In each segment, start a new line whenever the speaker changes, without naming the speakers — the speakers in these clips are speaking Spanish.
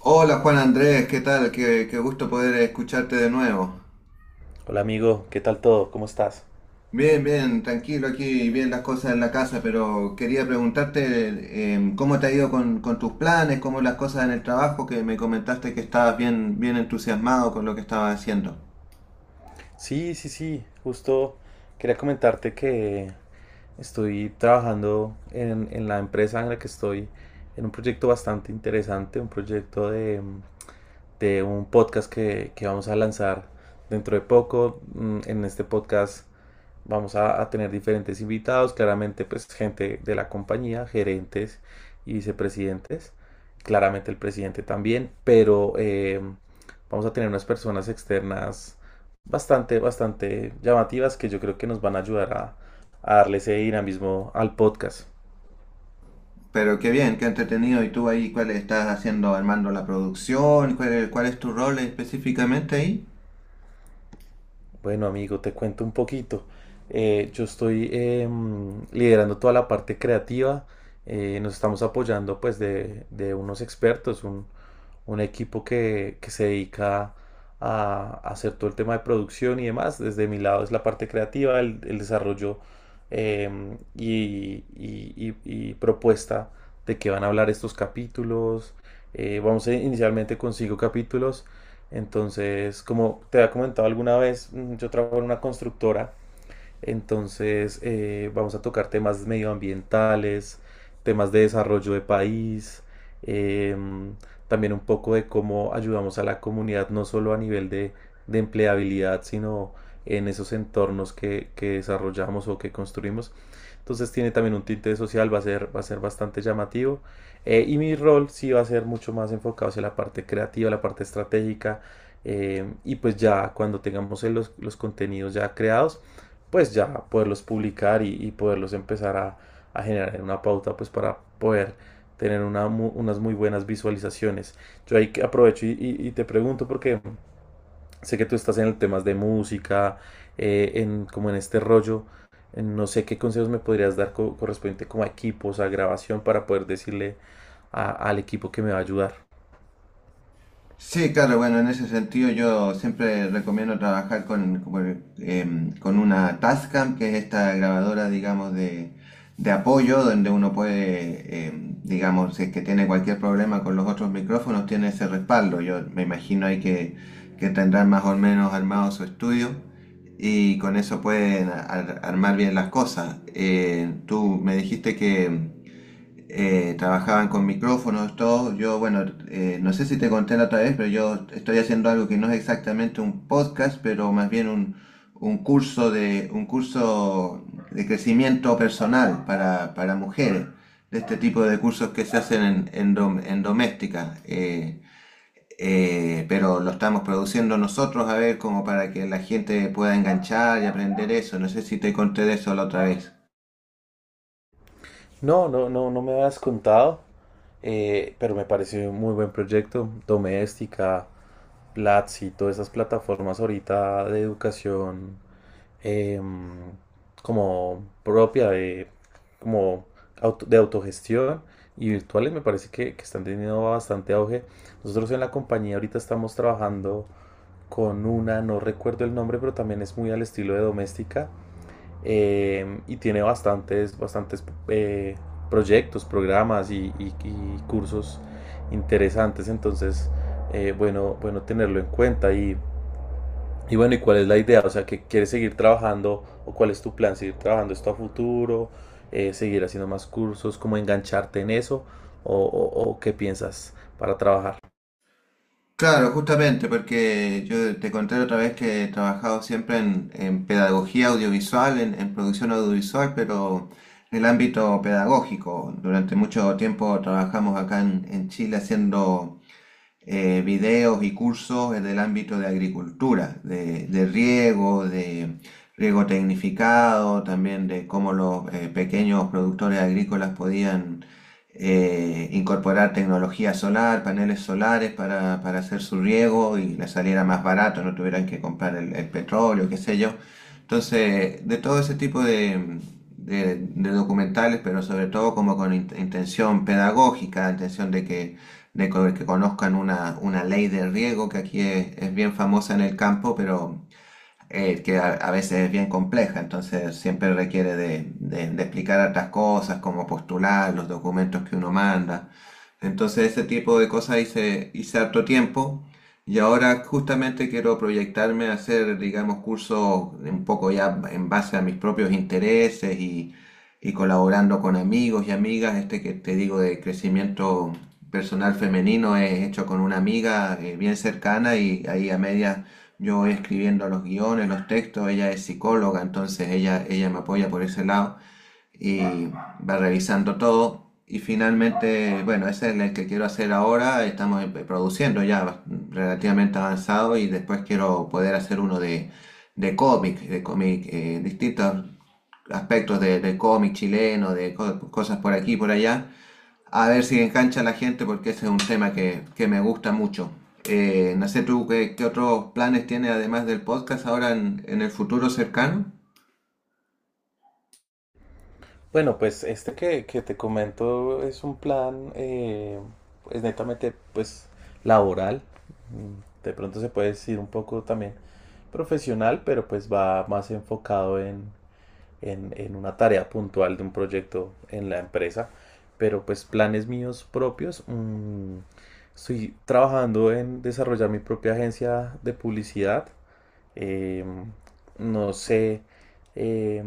Hola Juan Andrés, ¿qué tal? Qué gusto poder escucharte de nuevo.
Hola amigo, ¿qué tal todo? ¿Cómo estás?
Bien, bien, tranquilo aquí, bien las cosas en la casa, pero quería preguntarte cómo te ha ido con tus planes, cómo las cosas en el trabajo, que me comentaste que estabas bien, bien entusiasmado con lo que estabas haciendo.
Sí, sí, sí, justo quería comentarte que estoy trabajando en la empresa en la que estoy, en un proyecto bastante interesante, un proyecto de un podcast que vamos a lanzar dentro de poco. En este podcast vamos a tener diferentes invitados, claramente pues gente de la compañía, gerentes y vicepresidentes, claramente el presidente también, pero vamos a tener unas personas externas bastante, bastante llamativas que yo creo que nos van a ayudar a darle ese dinamismo al podcast.
Pero qué bien, qué entretenido. ¿Y tú ahí cuál estás haciendo, armando la producción? ¿Cuál, cuál es tu rol específicamente ahí?
Bueno, amigo, te cuento un poquito. Yo estoy liderando toda la parte creativa. Nos estamos apoyando pues de unos expertos, un equipo que se dedica a hacer todo el tema de producción y demás. Desde mi lado es la parte creativa, el desarrollo em, y, y- y propuesta de qué van a hablar estos capítulos. Inicialmente con 5 capítulos. Entonces, como te había comentado alguna vez, yo trabajo en una constructora entonces, vamos a tocar temas medioambientales, temas de desarrollo de país, em, también un poco de cómo ayudamos a la comunidad, no solo a nivel de empleabilidad, sino en esos entornos que desarrollamos o que construimos. Entonces tiene también un tinte social, va a ser bastante llamativo. Y mi rol sí va a ser mucho más enfocado hacia la parte creativa, la parte estratégica. Y pues ya cuando tengamos los contenidos ya creados, pues ya poderlos publicar y poderlos empezar a generar una pauta pues para poder tener unas muy buenas visualizaciones. Yo ahí aprovecho y te pregunto porque sé que tú estás en temas de música, como en este rollo. No sé qué consejos me podrías dar correspondiente como a equipos, a grabación, para poder decirle al equipo que me va a ayudar.
Sí, claro, bueno, en ese sentido yo siempre recomiendo trabajar con una Tascam, que es esta grabadora, digamos, de apoyo, donde uno puede, digamos, si es que tiene cualquier problema con los otros micrófonos, tiene ese respaldo. Yo me imagino ahí que tendrán más o menos armado su estudio y con eso pueden armar bien las cosas. Tú me dijiste que trabajaban con micrófonos, todo. Yo, bueno, no sé si te conté la otra vez, pero yo estoy haciendo algo que no es exactamente un podcast, pero más bien un curso un curso de crecimiento personal para mujeres, de este tipo de cursos que se hacen en doméstica. Pero lo estamos produciendo nosotros, a ver, como para que la gente pueda enganchar y aprender eso. No sé si te conté de eso la otra vez.
No, no, no, no me habías contado, pero me pareció un muy buen proyecto. Doméstica, Platzi, todas esas plataformas ahorita de educación eh, como propia como de autogestión y virtuales me parece que están teniendo bastante auge. Nosotros en la compañía ahorita estamos trabajando con una, no recuerdo el nombre, pero también es muy al estilo de doméstica y tiene bastantes, bastantes proyectos, programas y y cursos interesantes. Entonces, bueno, bueno tenerlo en cuenta y bueno, ¿y cuál es la idea? O sea, ¿que quieres seguir trabajando o cuál es tu plan, seguir trabajando esto a futuro? Seguir haciendo más cursos, cómo engancharte en eso o qué piensas para trabajar.
Claro, justamente, porque yo te conté la otra vez que he trabajado siempre en pedagogía audiovisual, en producción audiovisual, pero en el ámbito pedagógico. Durante mucho tiempo trabajamos acá en Chile haciendo videos y cursos en el ámbito de agricultura, de riego tecnificado, también de cómo los pequeños productores agrícolas podían incorporar tecnología solar, paneles solares para hacer su riego y les saliera más barato, no tuvieran que comprar el petróleo, qué sé yo. Entonces, de todo ese tipo de documentales, pero sobre todo como con intención pedagógica, intención de que conozcan una ley de riego que aquí es bien famosa en el campo, pero que a veces es bien compleja, entonces siempre requiere de explicar otras cosas, como postular, los documentos que uno manda. Entonces ese tipo de cosas hice, hice harto tiempo y ahora justamente quiero proyectarme a hacer, digamos, cursos un poco ya en base a mis propios intereses y colaborando con amigos y amigas. Este que te digo de crecimiento personal femenino es hecho con una amiga bien cercana y ahí a medias yo voy escribiendo los guiones, los textos, ella es psicóloga, entonces ella me apoya por ese lado y va revisando todo. Y finalmente, bueno, ese es el que quiero hacer ahora, estamos produciendo ya relativamente avanzado y después quiero poder hacer uno de cómic, distintos aspectos de cómic chileno, de cosas por aquí y por allá. A ver si engancha a la gente porque ese es un tema que me gusta mucho. No sé tú qué, qué otros planes tiene además del podcast ahora en el futuro cercano.
Bueno, pues este que te comento es un plan, pues netamente, pues laboral. De pronto se puede decir un poco también profesional, pero pues va más enfocado en una tarea puntual de un proyecto en la empresa, pero pues planes míos propios, estoy trabajando en desarrollar mi propia agencia de publicidad. eh, no sé eh,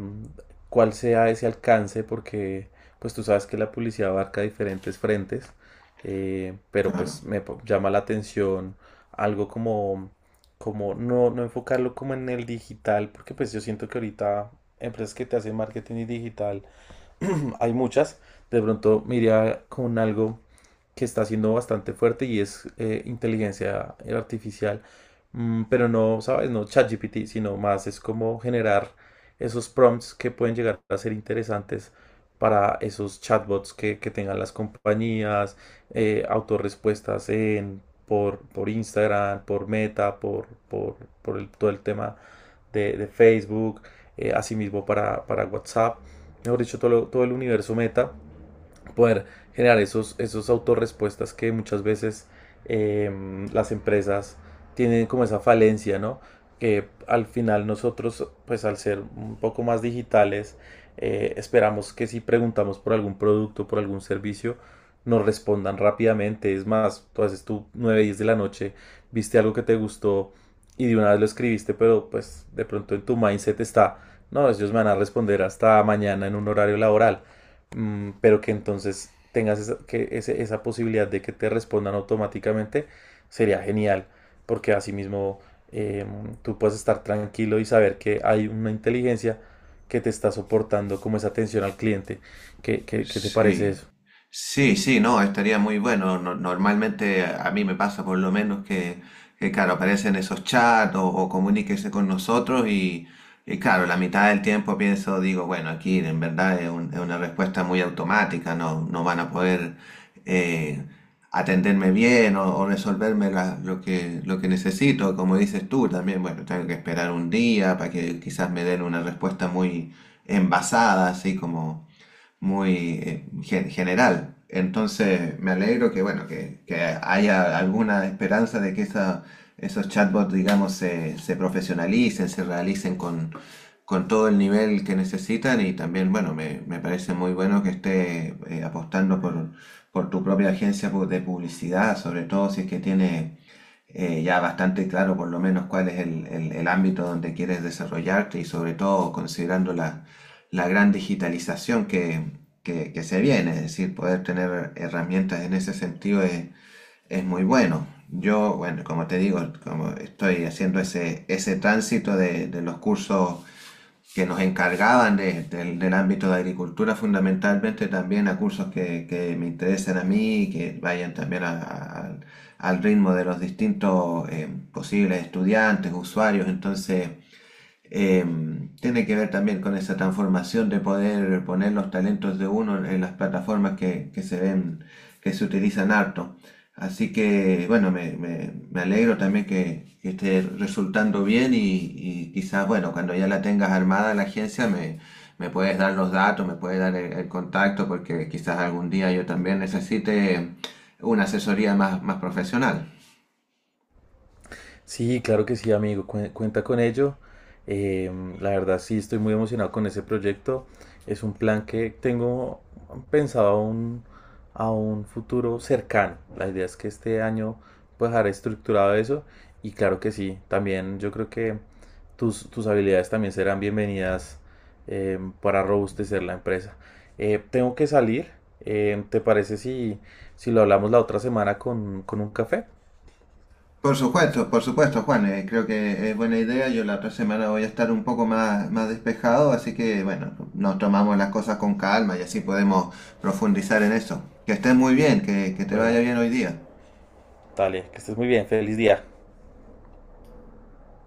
cuál sea ese alcance porque pues tú sabes que la publicidad abarca diferentes frentes, pero
Claro.
pues llama la atención algo como, como no, no enfocarlo como en el digital, porque pues yo siento que ahorita empresas que te hacen marketing y digital hay muchas. De pronto me iría con algo que está siendo bastante fuerte y es inteligencia artificial. Pero no, ¿sabes? No ChatGPT, sino más es como generar esos prompts que pueden llegar a ser interesantes para esos chatbots que tengan las compañías, autorrespuestas por Instagram, por Meta, todo el tema de Facebook, asimismo para WhatsApp, mejor dicho, todo, todo el universo meta, poder generar esos, esos autorrespuestas que muchas veces eh, las empresas tienen como esa falencia, ¿no? Que al final nosotros, pues al ser un poco más digitales, esperamos que si preguntamos por algún producto, por algún servicio, nos respondan rápidamente. Es más, tú haces tú 9 10 de la noche, viste algo que te gustó y de una vez lo escribiste, pero pues de pronto en tu mindset está, no, ellos me van a responder hasta mañana en un horario laboral. Pero que entonces tengas esa, esa posibilidad de que te respondan automáticamente, sería genial, porque asimismo mismo tú puedes estar tranquilo y saber que hay una inteligencia que te está soportando como esa atención al cliente. ¿Qué, qué te parece
Sí,
eso?
sí, sí, no, estaría muy bueno. Normalmente a mí me pasa por lo menos que, claro, aparecen esos chats o comuníquese con nosotros y, claro, la mitad del tiempo pienso, digo, bueno, aquí en verdad es, es una respuesta muy automática, no, no van a poder eh, atenderme bien o resolverme lo lo que necesito. Como dices tú también, bueno, tengo que esperar un día para que quizás me den una respuesta muy envasada, así como muy general. Entonces, me alegro que, bueno, que haya alguna esperanza de que esos chatbots, digamos, se profesionalicen, se realicen con todo el nivel que necesitan y también, bueno, me parece muy bueno que esté apostando por tu propia agencia de publicidad, sobre todo si es que tiene ya bastante claro por lo menos cuál es el ámbito donde quieres desarrollarte y sobre todo considerando la gran digitalización que se viene, es decir, poder tener herramientas en ese sentido es muy bueno. Yo, bueno, como te digo, como estoy haciendo ese tránsito de los cursos que nos encargaban del ámbito de agricultura fundamentalmente también a cursos que me interesen a mí y que vayan también al al ritmo de los distintos posibles estudiantes, usuarios. Entonces, eh, tiene que ver también con esa transformación de poder poner los talentos de uno en las plataformas que se ven, que se utilizan harto. Así que, bueno, me alegro también que esté resultando bien y quizás, bueno, cuando ya la tengas armada la agencia, me puedes dar los datos, me puedes dar el contacto, porque quizás algún día yo también necesite una asesoría más, más profesional.
Sí, claro que sí, amigo, cuenta con ello. La verdad sí, estoy muy emocionado con ese proyecto. Es un plan que tengo pensado a un futuro cercano. La idea es que este año pues dejar estructurado eso y claro que sí, también yo creo que tus, tus habilidades también serán bienvenidas. Para robustecer la empresa. Tengo que salir. ¿Te parece si, si lo hablamos la otra semana con un café?
Por supuesto, Juan. Creo que es buena idea. Yo la otra semana voy a estar un poco más, más despejado, así que bueno, nos tomamos las cosas con calma y así podemos profundizar en eso. Que estés muy bien, que te vaya
Bueno.
bien hoy día.
Dale, que estés muy bien. Feliz día.